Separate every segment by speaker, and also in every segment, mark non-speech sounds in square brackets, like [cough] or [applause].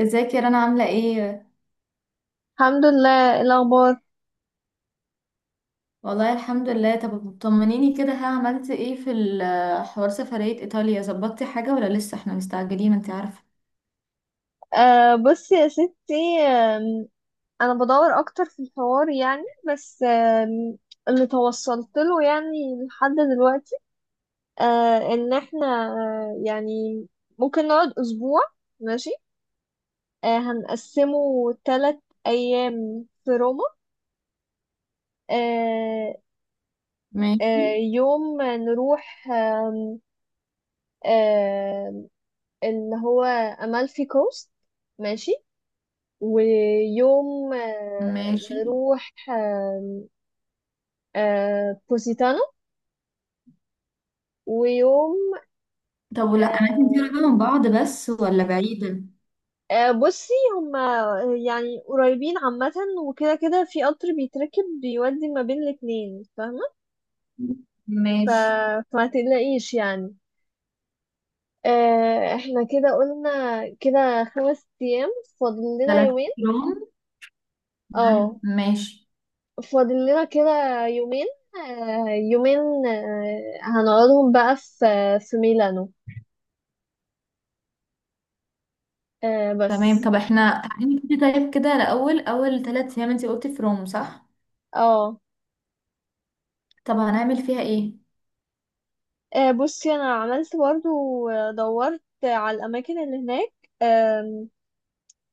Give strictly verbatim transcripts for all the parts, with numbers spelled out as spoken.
Speaker 1: ازيك يا رنا، عاملة ايه؟
Speaker 2: الحمد لله. إيه الاخبار؟
Speaker 1: والله الحمد لله. طب طمنيني كده، ها عملت ايه في ال- حوار سفرية ايطاليا؟ ظبطتي حاجة ولا لسه؟ احنا مستعجلين انت عارفة.
Speaker 2: آه بصي يا ستي، آم، انا بدور اكتر في الحوار يعني. بس آم، اللي توصلت له يعني لحد دلوقتي آه ان احنا آه يعني ممكن نقعد اسبوع. ماشي. آه هنقسمه ثلاث ايام في روما. آه
Speaker 1: ماشي.
Speaker 2: آه يوم نروح آم، آم، اللي هو امالفي كوست. ماشي. ويوم آه،
Speaker 1: ماشي.
Speaker 2: نروح آه، آه، بوسيتانو. ويوم
Speaker 1: طب، ولا اماكن دي
Speaker 2: آه،
Speaker 1: قريبة من بعض بس، ولا بعيدة؟
Speaker 2: آه، بصي هما يعني قريبين عامة. وكده كده في قطر بيتركب بيودي ما بين الاتنين، فاهمة. ف...
Speaker 1: ماشي.
Speaker 2: فما تقلقيش يعني. آه، احنا كده قلنا كده خمس أيام، فاضل لنا
Speaker 1: ثلاث
Speaker 2: يومين.
Speaker 1: ايام
Speaker 2: اه،
Speaker 1: تمام. ماشي.
Speaker 2: فاضل لنا كده يومين. آه، يومين آه، هنقعدهم بقى في في ميلانو. آه
Speaker 1: تمام.
Speaker 2: بس.
Speaker 1: طب احنا تعالي كده، طيب، كده الأول أول ثلاث أيام انت قلتي في روم صح؟
Speaker 2: اه،
Speaker 1: طب هنعمل فيها ايه؟
Speaker 2: آه، بصي انا عملت برضه، دورت على الاماكن اللي هناك. آم،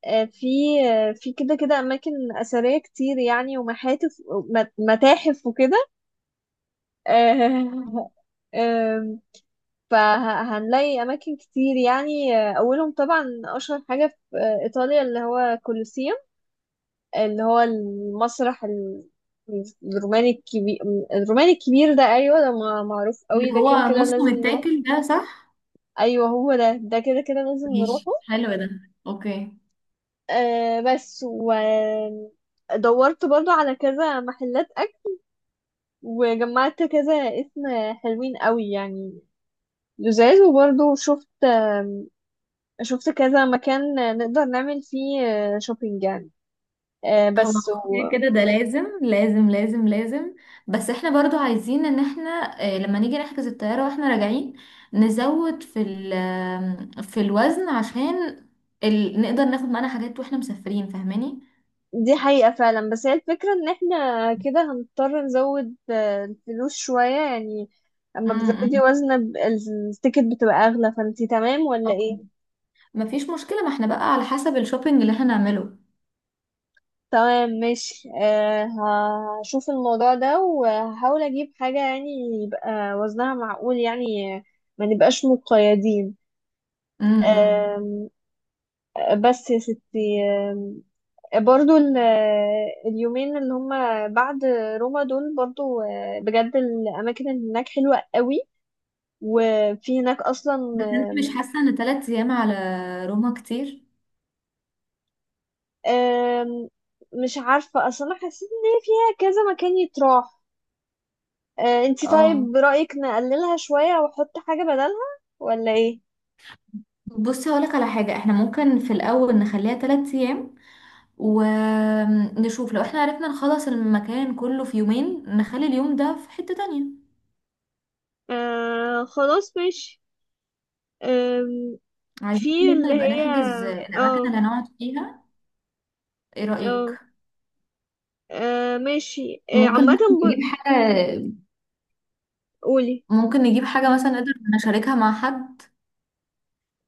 Speaker 2: آه، في آه، في كده كده اماكن اثريه كتير يعني، ومحاتف، مت- متاحف وكده. [laughs] آه، آم، فهنلاقي اماكن كتير يعني. آه، اولهم طبعا اشهر حاجه في آه، ايطاليا، اللي هو كولوسيوم، اللي هو المسرح ال- الروماني الكبير، الروماني الكبير ده. ايوه ده مع- معروف
Speaker 1: اللي
Speaker 2: قوي، ده
Speaker 1: هو
Speaker 2: كده كده
Speaker 1: نص
Speaker 2: لازم نروح.
Speaker 1: متاكل ده صح؟
Speaker 2: ايوه هو ده، ده كده كده لازم
Speaker 1: ماشي،
Speaker 2: نروحه.
Speaker 1: حلو ده. اوكي.
Speaker 2: آه بس ودورت برضه على كذا محلات اكل، وجمعت كذا اسم حلوين قوي يعني لزاز. وبرضه شفت آم، شفت كذا مكان نقدر نعمل فيه آه، شوبينج يعني. آه
Speaker 1: هو
Speaker 2: بس و...
Speaker 1: كده كده ده لازم لازم لازم لازم. بس احنا برضو عايزين ان احنا آه، لما نيجي نحجز الطيارة واحنا راجعين نزود في ال آم، في الوزن عشان ال... نقدر ناخد معانا حاجات واحنا مسافرين فاهماني.
Speaker 2: دي حقيقة فعلا، بس هي الفكرة ان احنا كده هنضطر نزود آه، الفلوس شوية يعني. اما بتزودي
Speaker 1: امم.
Speaker 2: وزنة ب- التيكت بتبقى اغلى، فانتي تمام ولا ايه؟
Speaker 1: مفيش مشكلة، ما احنا بقى على حسب الشوبينج اللي احنا نعمله.
Speaker 2: تمام، ماشي. أه، هشوف الموضوع ده وهحاول اجيب حاجة يعني يبقى وزنها معقول، يعني آه، ما نبقاش مقيدين.
Speaker 1: امم.
Speaker 2: آم، آه، بس يا ستي، آم، برضو ال- آه، اليومين اللي هما بعد روما دول، برضو آه، بجد الأماكن اللي هناك حلوة قوي، وفي هناك أصلا.
Speaker 1: بس انت مش
Speaker 2: آم،
Speaker 1: حاسة ان ثلاث ايام على روما كتير؟
Speaker 2: آم، مش عارفة أصلا، أنا حسيت إن هي فيها كذا مكان يتراح. آه، انتي
Speaker 1: اه،
Speaker 2: طيب رأيك نقللها شوية واحط حاجة بدلها، ولا ايه؟
Speaker 1: بصي هقولك على حاجة. احنا ممكن في الاول نخليها ثلاث ايام، ونشوف لو احنا عرفنا نخلص المكان كله في يومين نخلي اليوم ده في حتة تانية.
Speaker 2: آه خلاص، ماشي. آم،
Speaker 1: عايزين
Speaker 2: في
Speaker 1: برضه
Speaker 2: اللي
Speaker 1: نبقى
Speaker 2: هي.
Speaker 1: نحجز الأماكن
Speaker 2: اه.
Speaker 1: اللي هنقعد فيها. ايه
Speaker 2: اه،
Speaker 1: رأيك؟
Speaker 2: آه، ماشي. آه،
Speaker 1: ممكن
Speaker 2: عامة
Speaker 1: ممكن
Speaker 2: ب-
Speaker 1: نجيب حاجة.
Speaker 2: قولي.
Speaker 1: ممكن نجيب حاجة مثلا نقدر نشاركها مع حد.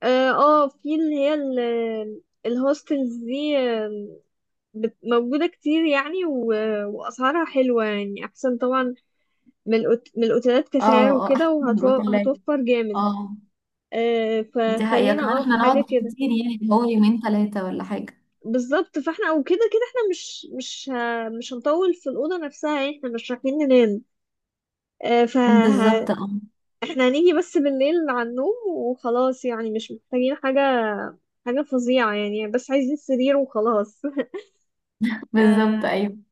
Speaker 2: اه، آه، في اللي هي ال- الهوستلز دي، آم، بت- موجودة كتير يعني، و- وأسعارها حلوة يعني، أحسن طبعا من الأوت- من الأوتيلات كسعر
Speaker 1: اه، اه،
Speaker 2: وكده،
Speaker 1: أحسن من الأوتيلات.
Speaker 2: وهتوفر جامد.
Speaker 1: اه.
Speaker 2: آه،
Speaker 1: دي حقيقة،
Speaker 2: فخلينا
Speaker 1: كمان
Speaker 2: اه في
Speaker 1: احنا نقعد
Speaker 2: حاجة كده.
Speaker 1: كتير يعني، اللي هو يومين ثلاثة ولا حاجة.
Speaker 2: بالظبط، فاحنا وكده كده كده احنا مش مش ه... مش هنطول في الأوضة نفسها يعني، احنا مش رايحين ننام. آه، ف ه-
Speaker 1: بالظبط، اه.
Speaker 2: احنا هنيجي بس بالليل على النوم وخلاص يعني، مش محتاجين حاجة حاجة فظيعة يعني، بس عايزين سرير وخلاص. [laughs]
Speaker 1: بالظبط،
Speaker 2: آه،
Speaker 1: أيوة.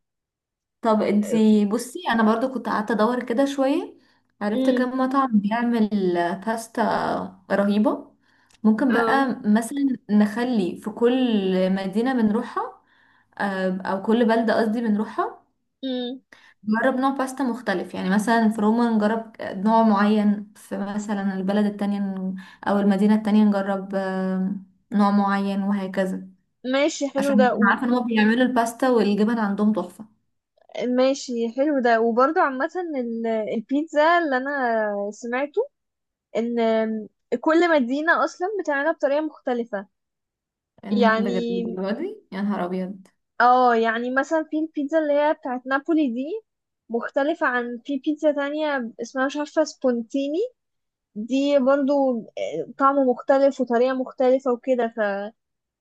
Speaker 1: طب انتي بصي، انا برضو كنت قعدت ادور كده شوية. عرفت
Speaker 2: امم.
Speaker 1: كم مطعم بيعمل باستا رهيبة. ممكن
Speaker 2: اه.
Speaker 1: بقى مثلا نخلي في كل مدينة بنروحها، آه، او كل بلدة قصدي بنروحها،
Speaker 2: امم.
Speaker 1: نجرب نوع باستا مختلف يعني، مثلا في روما نجرب نوع معين، في مثلا البلد التانية ن- او المدينة التانية نجرب آه، نوع معين وهكذا.
Speaker 2: ماشي حلو
Speaker 1: عشان
Speaker 2: ده
Speaker 1: انا
Speaker 2: و-
Speaker 1: عارفة ان هما بيعملوا الباستا والجبن عندهم تحفة.
Speaker 2: ماشي حلو ده. وبرضه عامة ال- البيتزا اللي أنا سمعته إن كل مدينة أصلا بتعملها بطريقة مختلفة
Speaker 1: إنها- بجد
Speaker 2: يعني.
Speaker 1: الدرجة دي؟ يا نهار ابيض.
Speaker 2: اه يعني مثلا في البيتزا اللي هي بتاعت نابولي دي، مختلفة عن في بيتزا تانية اسمها مش عارفة سبونتيني. دي برضو آه، طعم مختلف وطريقة مختلفة وكده. ف-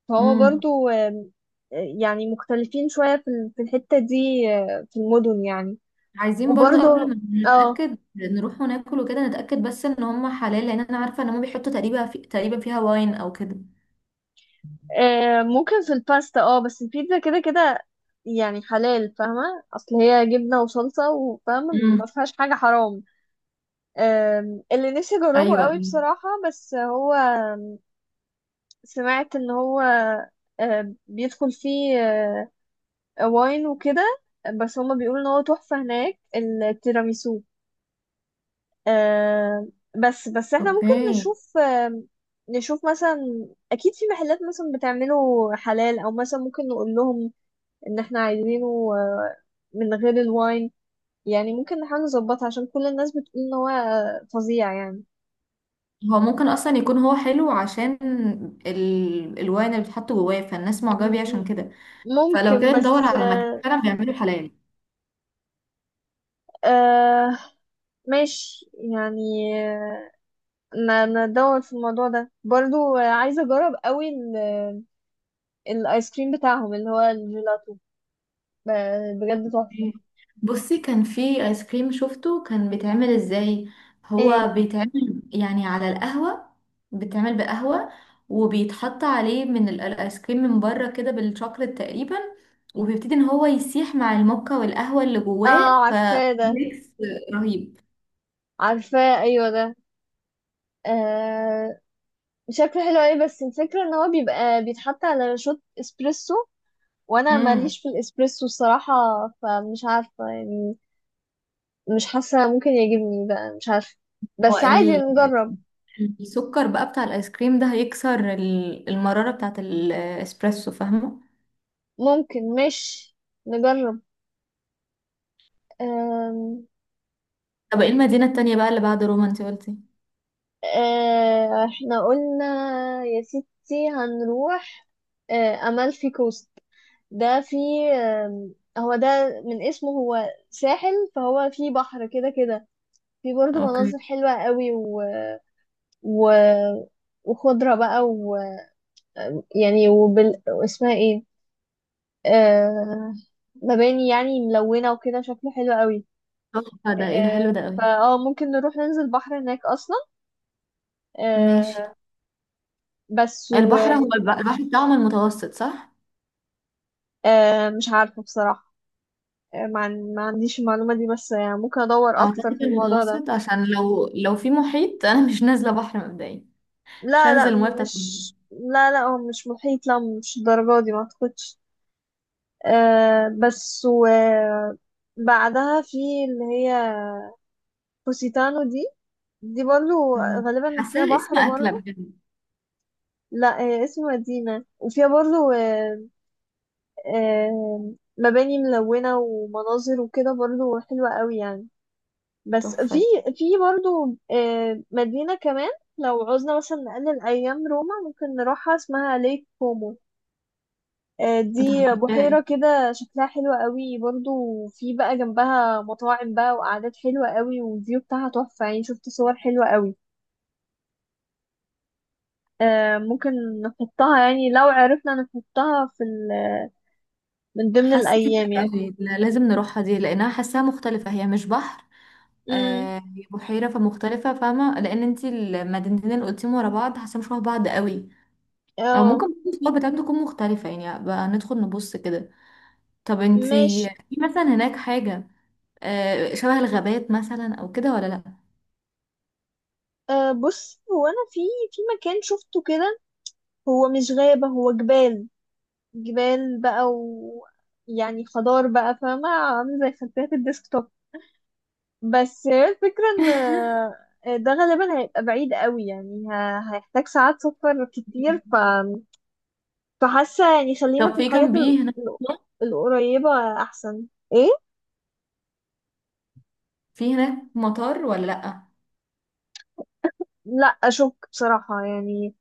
Speaker 2: فهو
Speaker 1: امم.
Speaker 2: برضو آم، آه، يعني مختلفين شوية في ال- في الحتة دي، آه، في المدن يعني.
Speaker 1: عايزين برضو
Speaker 2: وبرضو
Speaker 1: قبل ما
Speaker 2: اه،
Speaker 1: نتأكد نروح وناكل وكده، نتأكد بس ان هم حلال، لان انا عارفة ان هم بيحطوا تقريبا في... تقريبا فيها واين او كده.
Speaker 2: آه، ممكن في الباستا، اه بس البيتزا كده كده يعني حلال، فاهمة، اصل هي جبنة وصلصة، وفاهمة
Speaker 1: امم.
Speaker 2: ما فيهاش حاجة حرام. أم، اللي نفسي اجربه
Speaker 1: ايوه، أيوة.
Speaker 2: قوي بصراحة، بس هو سمعت ان هو أم، بيدخل فيه أه، واين وكده، بس هما بيقولوا ان هو تحفة هناك، التيراميسو. أم، بس بس احنا ممكن
Speaker 1: اوكي.
Speaker 2: نشوف أم، نشوف مثلا اكيد في محلات مثلا بتعمله حلال، او مثلا ممكن نقول لهم ان احنا عايزينه أه، من غير الواين، يعني ممكن نحاول نظبطها، عشان كل الناس بتقول ان هو أه، فظيع يعني.
Speaker 1: هو ممكن اصلا يكون هو حلو عشان ال... الواين اللي بيتحط جواه، فالناس معجبة بيه عشان كده. فلو
Speaker 2: ممكن،
Speaker 1: كده ندور
Speaker 2: بس
Speaker 1: على مكان
Speaker 2: آه،
Speaker 1: فعلا بيعملوا حلال.
Speaker 2: آه ماشي يعني. آه، ن- ندور في الموضوع ده برضو. آه، عايزة أجرب قوي ال- الآيس كريم بتاعهم اللي هو الجيلاتو، ب- بجد تحفة.
Speaker 1: بصي، كان في ايس كريم شفته كان بيتعمل ازاي.
Speaker 2: ايه،
Speaker 1: هو بيتعمل يعني على القهوة، بيتعمل بقهوة، وبيتحط عليه من ال- الايس كريم من بره كده بالشوكليت تقريبا. وبيبتدي ان هو يسيح مع الموكا والقهوة اللي
Speaker 2: اه
Speaker 1: جواه
Speaker 2: عارفاه ده،
Speaker 1: فميكس. رهيب.
Speaker 2: عارفاه أيوه ده. آه شكله حلو أوي، بس الفكرة إن هو بيبقى بيتحط على شوت إسبريسو، وأنا
Speaker 1: امم.
Speaker 2: ماليش في الإسبريسو الصراحة. فمش عارفة يعني، مش حاسة ممكن يعجبني، بقى مش عارفة.
Speaker 1: هو
Speaker 2: بس عادي
Speaker 1: ال-
Speaker 2: نجرب.
Speaker 1: السكر بقى بتاع الايس كريم ده هيكسر ال- المرارة بتاعت الاسبريسو فاهمة.
Speaker 2: ممكن مش نجرب. أم...
Speaker 1: طب، ايه المدينة التانية بقى اللي بعد روما انت قلتي؟
Speaker 2: أه... احنا قلنا يا ستي هنروح أه... أمالفي كوست. ده في أم... هو ده من اسمه هو ساحل، فهو في بحر كده كده. في برضه
Speaker 1: اوكي.
Speaker 2: مناظر حلوة قوي، و... و... وخضرة بقى. ويعني وبال... اسمها ايه، أه... مباني يعني ملونة وكده، شكله حلو قوي.
Speaker 1: تحفة ده، ايه ده، حلو
Speaker 2: أه...
Speaker 1: ده قوي.
Speaker 2: فاه ممكن نروح ننزل بحر هناك أصلا.
Speaker 1: ماشي.
Speaker 2: أه... بس
Speaker 1: البحر، هو الب- البحر بتاعهم المتوسط صح؟
Speaker 2: آه، مش عارفة بصراحة، آه، ما عن- ما عنديش المعلومة دي، بس يعني ممكن أدور أكتر في
Speaker 1: اعتقد
Speaker 2: الموضوع ده.
Speaker 1: المتوسط، عشان لو لو في محيط [laughs] انا مش نازلة بحر مبدئيا. مش
Speaker 2: لا
Speaker 1: هنزل
Speaker 2: لا.
Speaker 1: المية بتاعت المحيط.
Speaker 2: مش، لا لا، هو مش محيط، لا مش الدرجة دي، ما أعتقدش. آه، بس و بعدها في اللي هي بوسيتانو دي، دي برضو
Speaker 1: أمم.
Speaker 2: غالبا فيها
Speaker 1: حاساها اسم
Speaker 2: بحر
Speaker 1: أكلة
Speaker 2: برضو.
Speaker 1: بجد.
Speaker 2: لا آه، اسم مدينة، وفيها برضو آه، آه، مباني ملونة ومناظر وكده برضو حلوة قوي يعني. بس في
Speaker 1: تحفة.
Speaker 2: في برضو آه، مدينة كمان، لو عوزنا مثلا نقلل أيام روما ممكن نروحها، اسمها ليك كومو. آه،
Speaker 1: طب،
Speaker 2: دي
Speaker 1: إيه؟
Speaker 2: بحيرة كده شكلها حلو قوي برضو. في بقى جنبها مطاعم بقى وقعدات حلوة قوي، والفيو بتاعها تحفة يعني، شفت صور حلوة قوي. آه، ممكن نحطها يعني، لو عرفنا نحطها في ال- من ضمن
Speaker 1: حاسة دي
Speaker 2: الأيام
Speaker 1: حلوة
Speaker 2: يعني.
Speaker 1: قوي. لا، لازم نروحها دي لأنها حاساها مختلفة، هي مش بحر.
Speaker 2: امم.
Speaker 1: آه، هي بحيرة فمختلفة فاهمة، لأن انتي المدينتين اللي قلتيهم ورا بعض حاساها مش شبه بعض قوي. أو
Speaker 2: اه،
Speaker 1: ممكن الصور بتاعتهم تكون مختلفة يعني، بقى ندخل نبص كده. طب
Speaker 2: ماشي.
Speaker 1: انتي، في مثلا هناك حاجة آه، شبه الغابات مثلا او كده ولا لا؟
Speaker 2: آه، بص هو أنا في في مكان شفته كده، هو مش غابة هو جبال. جبال بقى، ويعني خضار بقى، فاهمة، عامل زي خلفية الديسكتوب. بس هي الفكرة ان
Speaker 1: [laughs]
Speaker 2: آه، ده غالبا هيبقى بعيد قوي يعني، ه- هيحتاج ساعات سفر كتير. ف...
Speaker 1: مم.
Speaker 2: فحاسة يعني خلينا
Speaker 1: طب،
Speaker 2: في
Speaker 1: في
Speaker 2: الحاجات ال...
Speaker 1: جنبيه هناك،
Speaker 2: ال- القريبة أحسن. ايه؟
Speaker 1: في هناك مطار ولا لا؟
Speaker 2: لا أشك بصراحة يعني.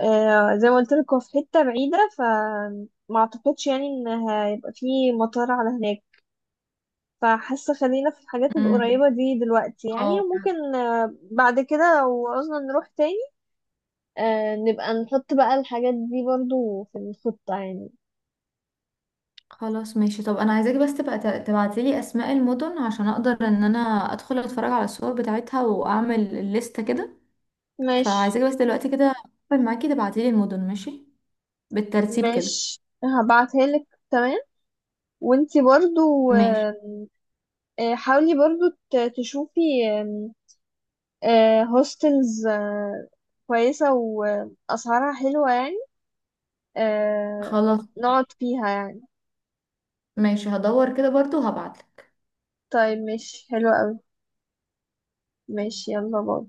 Speaker 2: آه زي ما قلت لك، هو في حتة بعيدة، ف ما اعتقدش يعني ان هيبقى في مطار على هناك. فحاسة خلينا في الحاجات
Speaker 1: امم.
Speaker 2: القريبة دي دلوقتي يعني،
Speaker 1: اه.
Speaker 2: وممكن آه، بعد كده لو عوزنا نروح تاني آه، نبقى نحط بقى الحاجات دي برضو في الخطة يعني.
Speaker 1: خلاص ماشي. طب انا عايزاكي بس تبقى تبعتي لي اسماء المدن، عشان اقدر ان انا ادخل اتفرج على الصور بتاعتها واعمل الليستة كده.
Speaker 2: ماشي.
Speaker 1: فعايزاكي بس دلوقتي كده اقفل معاكي تبعتي لي المدن، ماشي؟ بالترتيب كده.
Speaker 2: ماشي هبعتها لك، تمام. وانتي برضو
Speaker 1: ماشي،
Speaker 2: آم، آه، حاولي برضو ت- تشوفي هوستلز كويسة وأسعارها حلوة يعني، آه،
Speaker 1: خلاص.
Speaker 2: نقعد فيها يعني.
Speaker 1: ماشي هدور كده برضو وهبعتلك.
Speaker 2: طيب ماشي، حلو قوي. ماشي، يلا باي.